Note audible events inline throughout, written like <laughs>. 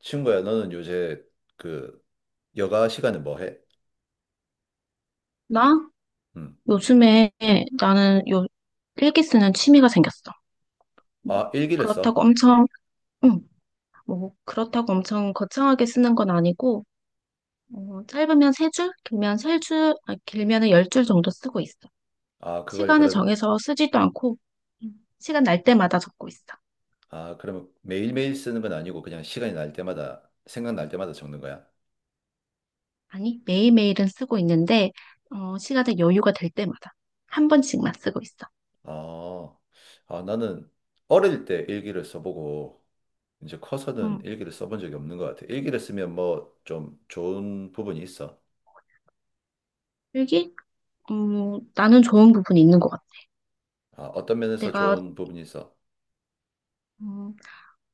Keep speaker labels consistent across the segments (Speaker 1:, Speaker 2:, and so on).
Speaker 1: 친구야, 너는 요새 그 여가 시간에 뭐 해?
Speaker 2: 나?
Speaker 1: 음.
Speaker 2: 요즘에 나는 요 일기 쓰는 취미가 생겼어. 뭐,
Speaker 1: 아, 일기를
Speaker 2: 그렇다고
Speaker 1: 써?
Speaker 2: 엄청, 응, 뭐, 그렇다고 엄청 거창하게 쓰는 건 아니고, 짧으면 세 줄, 길면 세 줄, 아, 길면은 열 줄 정도 쓰고 있어.
Speaker 1: 아, 그걸
Speaker 2: 시간을
Speaker 1: 그럼.
Speaker 2: 정해서 쓰지도 않고, 시간 날 때마다 적고 있어.
Speaker 1: 아, 그러면 매일매일 쓰는 건 아니고 그냥 시간이 날 때마다 생각날 때마다 적는 거야?
Speaker 2: 아니, 매일매일은 쓰고 있는데, 시간에 여유가 될 때마다 한 번씩만 쓰고 있어.
Speaker 1: 아, 나는 어릴 때 일기를 써보고 이제 커서는
Speaker 2: 음,
Speaker 1: 일기를 써본 적이 없는 것 같아. 일기를 쓰면 뭐 좀 좋은 부분이 있어?
Speaker 2: 일기? 나는 좋은 부분이 있는 것 같아.
Speaker 1: 아, 어떤 면에서
Speaker 2: 내가
Speaker 1: 좋은 부분이 있어?
Speaker 2: 음,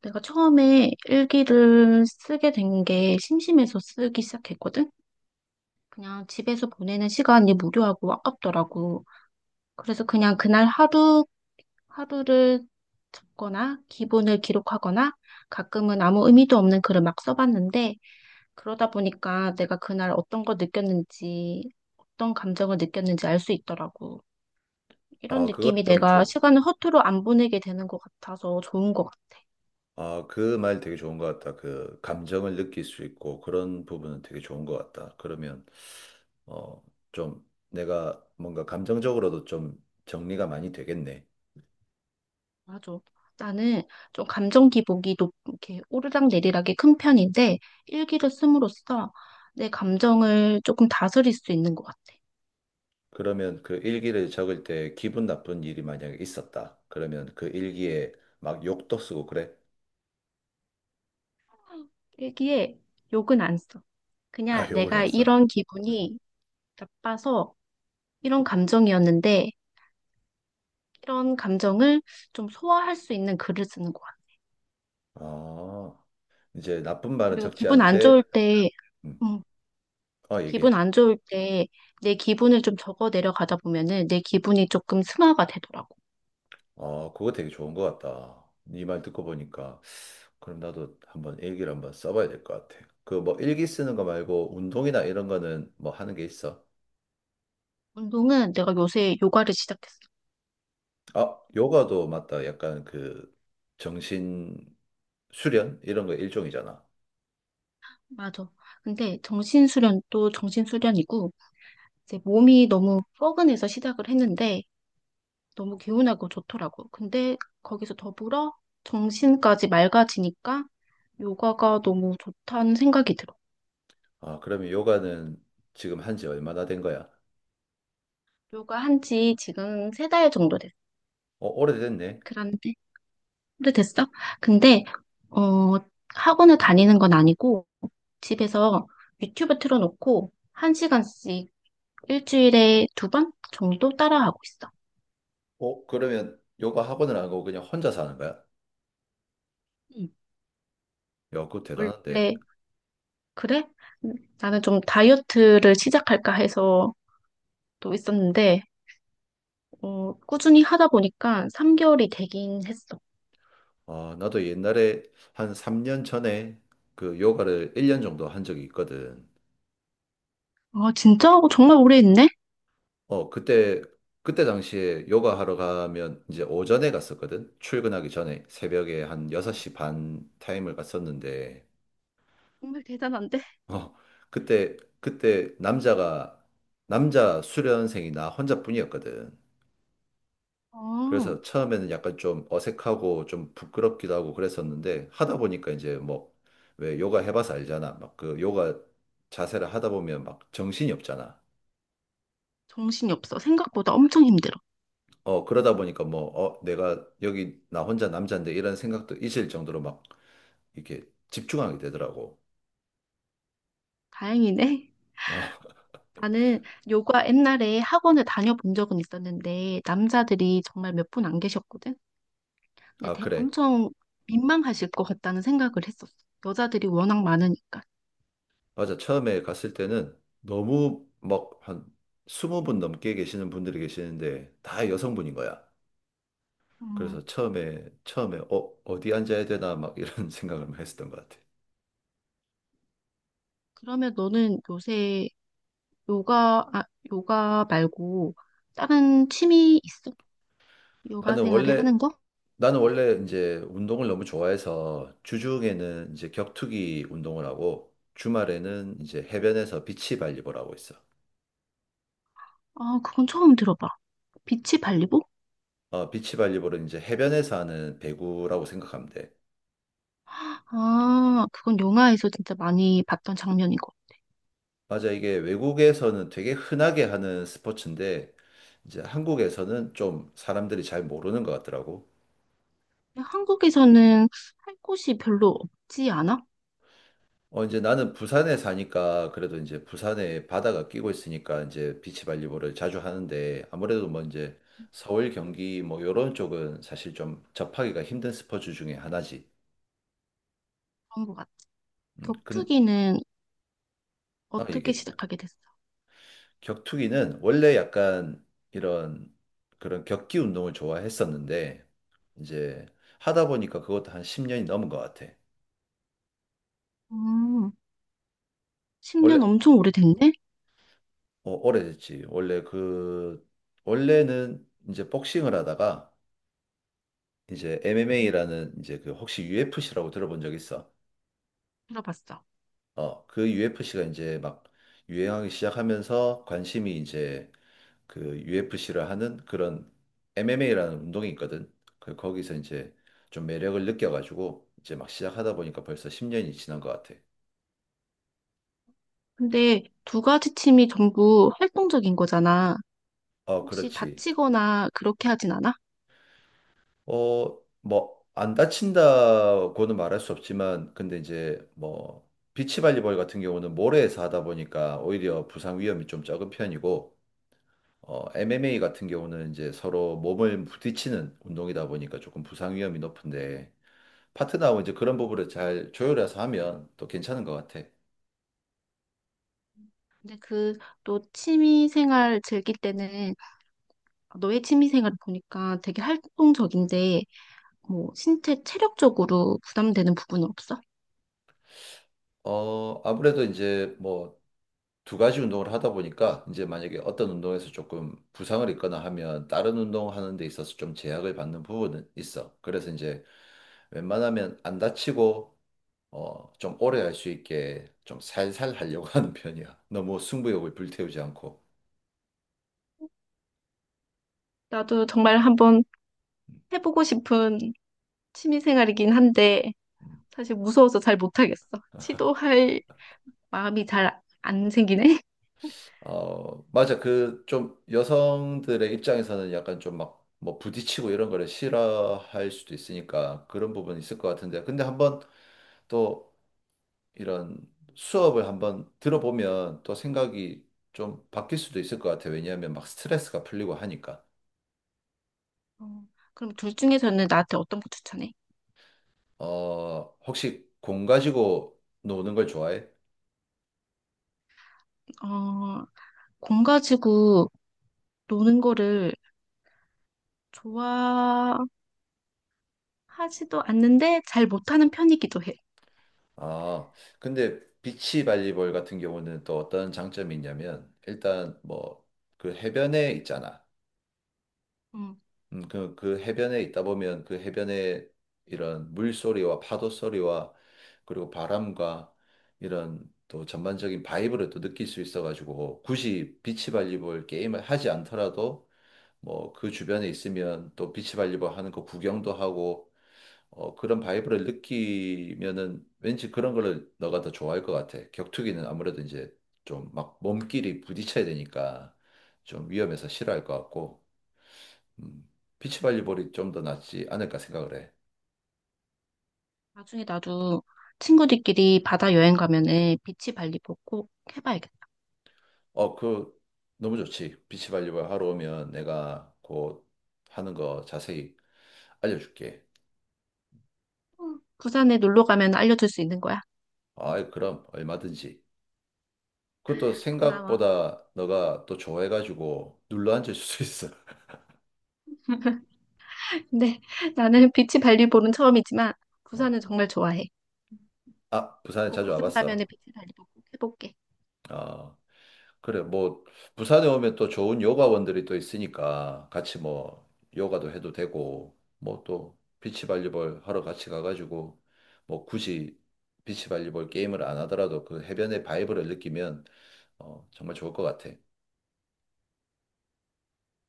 Speaker 2: 내가 처음에 일기를 쓰게 된 게 심심해서 쓰기 시작했거든? 그냥 집에서 보내는 시간이 무료하고 아깝더라고. 그래서 그냥 그날 하루를 적거나 기분을 기록하거나 가끔은 아무 의미도 없는 글을 막 써봤는데 그러다 보니까 내가 그날 어떤 걸 느꼈는지, 어떤 감정을 느꼈는지 알 수 있더라고. 이런
Speaker 1: 아, 그건
Speaker 2: 느낌이
Speaker 1: 좀
Speaker 2: 내가
Speaker 1: 줘.
Speaker 2: 시간을 허투루 안 보내게 되는 것 같아서 좋은 것 같아.
Speaker 1: 아, 그 말 되게 좋은 것 같다. 그 감정을 느낄 수 있고 그런 부분은 되게 좋은 것 같다. 그러면 어, 좀 내가 뭔가 감정적으로도 좀 정리가 많이 되겠네.
Speaker 2: 맞아. 나는 좀 감정 기복이 이렇게 오르락 내리락이 큰 편인데 일기를 씀으로써 내 감정을 조금 다스릴 수 있는 것 같아.
Speaker 1: 그러면 그 일기를 적을 때 기분 나쁜 일이 만약에 있었다. 그러면 그 일기에 막 욕도 쓰고 그래?
Speaker 2: 일기에 욕은 안 써.
Speaker 1: <laughs> 아,
Speaker 2: 그냥
Speaker 1: 욕을
Speaker 2: 내가
Speaker 1: 났어?
Speaker 2: 이런 기분이 나빠서 이런 감정이었는데 이런 감정을 좀 소화할 수 있는 글을 쓰는 것 같아.
Speaker 1: 아, 이제 나쁜 말은
Speaker 2: 그리고
Speaker 1: 적지
Speaker 2: 기분 안 좋을
Speaker 1: 않대.
Speaker 2: 때,
Speaker 1: 음,
Speaker 2: 음,
Speaker 1: 어, 얘기해.
Speaker 2: 기분 안 좋을 때 내 기분을 좀 적어 내려가다 보면은 내 기분이 조금 승화가 되더라고.
Speaker 1: 어, 그거 되게 좋은 것 같다. 네 말 듣고 보니까. 그럼 나도 한번 일기를 한번 써봐야 될 것 같아. 그 뭐 일기 쓰는 거 말고 운동이나 이런 거는 뭐 하는 게 있어?
Speaker 2: 운동은 내가 요새 요가를 시작했어.
Speaker 1: 아, 요가도 맞다. 약간 그 정신 수련 이런 거 일종이잖아.
Speaker 2: 맞아. 근데 정신수련도 정신수련이고, 이제 몸이 너무 뻐근해서 시작을 했는데, 너무 개운하고 좋더라고. 근데 거기서 더불어 정신까지 맑아지니까 요가가 너무 좋다는 생각이 들어.
Speaker 1: 아, 그러면 요가는 지금 한지 얼마나 된 거야?
Speaker 2: 요가 한지 지금 세 달 정도 됐어.
Speaker 1: 어, 오래됐네.
Speaker 2: 그런데, 오래됐어? 근데, 어, 학원을 다니는 건 아니고, 집에서 유튜브 틀어놓고, 한 시간씩 일주일에 두 번 정도 따라하고 있어.
Speaker 1: 어, 그러면 요가 학원을 안 가고 그냥 혼자 사는 거야? 야,
Speaker 2: 음.
Speaker 1: 그거 대단한데.
Speaker 2: 원래 그래? 음, 나는 좀 다이어트를 시작할까 해서 또 있었는데, 꾸준히 하다 보니까 3개월이 되긴 했어.
Speaker 1: 아, 나도 옛날에 한 3년 전에 그 요가를 1년 정도 한 적이 있거든.
Speaker 2: 아, 진짜? 어, 정말 오래 했네?
Speaker 1: 어, 그때 당시에 요가 하러 가면 이제 오전에 갔었거든. 출근하기 전에 새벽에 한 6시 반 타임을 갔었는데,
Speaker 2: 정말 대단한데?
Speaker 1: 어, 그때, 그때 남자 수련생이 나 혼자뿐이었거든.
Speaker 2: 어,
Speaker 1: 그래서 처음에는 약간 좀 어색하고 좀 부끄럽기도 하고 그랬었는데, 하다 보니까 이제 뭐, 왜 요가 해봐서 알잖아. 막 그 요가 자세를 하다 보면 막 정신이 없잖아.
Speaker 2: 정신이 없어. 생각보다 엄청 힘들어.
Speaker 1: 어, 그러다 보니까 뭐, 어, 내가 여기 나 혼자 남자인데 이런 생각도 있을 정도로 막 이렇게 집중하게 되더라고.
Speaker 2: 다행이네.
Speaker 1: 어, <laughs>
Speaker 2: 나는 요가 옛날에 학원을 다녀본 적은 있었는데, 남자들이 정말 몇 분 안 계셨거든? 근데
Speaker 1: 아, 그래.
Speaker 2: 엄청 민망하실 것 같다는 생각을 했었어. 여자들이 워낙 많으니까.
Speaker 1: 맞아. 처음에 갔을 때는 너무 막 한 스무 분 넘게 계시는 분들이 계시는데 다 여성분인 거야.
Speaker 2: 음,
Speaker 1: 그래서 어, 어디 앉아야 되나 막 이런 <laughs> 생각을 했었던 것 같아.
Speaker 2: 그러면 너는 요새 요가, 아, 요가 말고 다른 취미 있어? 요가
Speaker 1: 나는
Speaker 2: 생활에
Speaker 1: 원래
Speaker 2: 하는 거?
Speaker 1: 나는 원래 이제 운동을 너무 좋아해서 주중에는 이제 격투기 운동을 하고 주말에는 이제 해변에서 비치 발리볼 하고 있어.
Speaker 2: 아, 그건 처음 들어봐. 비치 발리보?
Speaker 1: 어, 비치 발리볼은 이제 해변에서 하는 배구라고 생각하면 돼.
Speaker 2: 아, 그건 영화에서 진짜 많이 봤던 장면이고.
Speaker 1: 맞아, 이게 외국에서는 되게 흔하게 하는 스포츠인데 이제 한국에서는 좀 사람들이 잘 모르는 것 같더라고.
Speaker 2: 근데 한국에서는 할 곳이 별로 없지 않아?
Speaker 1: 어, 이제 나는 부산에 사니까 그래도 이제 부산에 바다가 끼고 있으니까 이제 비치발리볼을 자주 하는데 아무래도 뭐 이제 서울, 경기 뭐 요런 쪽은 사실 좀 접하기가 힘든 스포츠 중에 하나지.
Speaker 2: 그런 것 같아.
Speaker 1: 음, 근,
Speaker 2: 격투기는
Speaker 1: 아,
Speaker 2: 어떻게
Speaker 1: 이게
Speaker 2: 시작하게 됐어?
Speaker 1: 격투기는 원래 약간 이런 그런 격기 운동을 좋아했었는데 이제 하다 보니까 그것도 한 10년이 넘은 것 같아.
Speaker 2: 음, 10년
Speaker 1: 원래,
Speaker 2: 엄청 오래됐네?
Speaker 1: 어, 오래됐지. 원래는 이제 복싱을 하다가 이제
Speaker 2: 음,
Speaker 1: MMA라는 이제 그 혹시 UFC라고 들어본 적 있어?
Speaker 2: 들어봤어.
Speaker 1: 어, 그 UFC가 이제 막 유행하기 시작하면서 관심이 이제 그 UFC를 하는 그런 MMA라는 운동이 있거든. 그 거기서 이제 좀 매력을 느껴가지고 이제 막 시작하다 보니까 벌써 10년이 지난 것 같아.
Speaker 2: 근데 두 가지 취미 전부 활동적인 거잖아.
Speaker 1: 어,
Speaker 2: 혹시
Speaker 1: 그렇지.
Speaker 2: 다치거나 그렇게 하진 않아?
Speaker 1: 어, 뭐 안 다친다고는 말할 수 없지만 근데 이제 뭐 비치 발리볼 같은 경우는 모래에서 하다 보니까 오히려 부상 위험이 좀 적은 편이고 어, MMA 같은 경우는 이제 서로 몸을 부딪히는 운동이다 보니까 조금 부상 위험이 높은데 파트너하고 이제 그런 부분을 잘 조율해서 하면 또 괜찮은 것 같아.
Speaker 2: 근데 그 또 취미 생활 즐길 때는 너의 취미 생활을 보니까 되게 활동적인데 뭐 신체 체력적으로 부담되는 부분은 없어?
Speaker 1: 어, 아무래도 이제 뭐 두 가지 운동을 하다 보니까 이제 만약에 어떤 운동에서 조금 부상을 입거나 하면 다른 운동하는 데 있어서 좀 제약을 받는 부분은 있어. 그래서 이제 웬만하면 안 다치고 어, 좀 오래 할 수 있게 좀 살살 하려고 <laughs> 하는 편이야. 너무 승부욕을 불태우지 않고.
Speaker 2: 나도 정말 한번 해보고 싶은 취미 생활이긴 한데 사실 무서워서 잘 못하겠어. 시도할 마음이 잘 안 생기네.
Speaker 1: 어, 맞아. 그 좀 여성들의 입장에서는 약간 좀 막 뭐 부딪히고 이런 거를 싫어할 수도 있으니까 그런 부분이 있을 것 같은데. 근데 한번 또 이런 수업을 한번 들어보면 또 생각이 좀 바뀔 수도 있을 것 같아요. 왜냐하면 막 스트레스가 풀리고 하니까.
Speaker 2: 어, 그럼 둘 중에서는 나한테 어떤 거 추천해?
Speaker 1: 어, 혹시 공 가지고 노는 걸 좋아해?
Speaker 2: 어, 공 가지고 노는 거를 좋아하지도 않는데 잘 못하는 편이기도 해.
Speaker 1: 아, 근데 비치 발리볼 같은 경우는 또 어떤 장점이 있냐면 일단 뭐 그 해변에 있잖아.
Speaker 2: 응.
Speaker 1: 그 해변에 있다 보면 그 해변에 이런 물소리와 파도 소리와 그리고 바람과 이런 또 전반적인 바이브를 또 느낄 수 있어가지고 굳이 비치발리볼 게임을 하지 않더라도 뭐 그 주변에 있으면 또 비치발리볼 하는 거 구경도 하고 어, 그런 바이브를 느끼면은 왠지 그런 거를 너가 더 좋아할 것 같아. 격투기는 아무래도 이제 좀 막 몸끼리 부딪혀야 되니까 좀 위험해서 싫어할 것 같고. 음, 비치발리볼이 좀 더 낫지 않을까 생각을 해.
Speaker 2: 나중에 나도 친구들끼리 바다 여행 가면은 비치 발리볼 꼭 해봐야겠다.
Speaker 1: 어, 그 너무 좋지. 비치발리볼 하러 오면 내가 곧 하는 거 자세히 알려줄게.
Speaker 2: 응. 부산에 놀러 가면 알려줄 수 있는 거야.
Speaker 1: 아, 그럼 얼마든지. 그것도
Speaker 2: 고마워.
Speaker 1: 생각보다 너가 또 좋아해가지고 눌러 앉을 수 있어.
Speaker 2: 근데 <laughs> 나는 비치 발리볼은 처음이지만
Speaker 1: 어.
Speaker 2: 부산은 정말 좋아해.
Speaker 1: 아, 부산에
Speaker 2: 꼭
Speaker 1: 자주
Speaker 2: 부산 가면은
Speaker 1: 와봤어.
Speaker 2: 비치 발리볼 꼭 해볼게.
Speaker 1: 어. 그래, 뭐, 부산에 오면 또 좋은 요가원들이 또 있으니까 같이 뭐, 요가도 해도 되고, 뭐 또, 비치발리볼 하러 같이 가가지고, 뭐 굳이 비치발리볼 게임을 안 하더라도 그 해변의 바이브를 느끼면, 어, 정말 좋을 것 같아.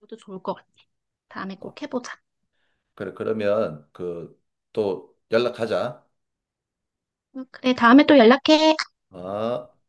Speaker 2: 너도 좋을 것 같아. 다음에
Speaker 1: 어,
Speaker 2: 꼭 해보자.
Speaker 1: 그래, 그러면 그, 또 연락하자.
Speaker 2: 응, 그래, 다음에 또 연락해.
Speaker 1: 아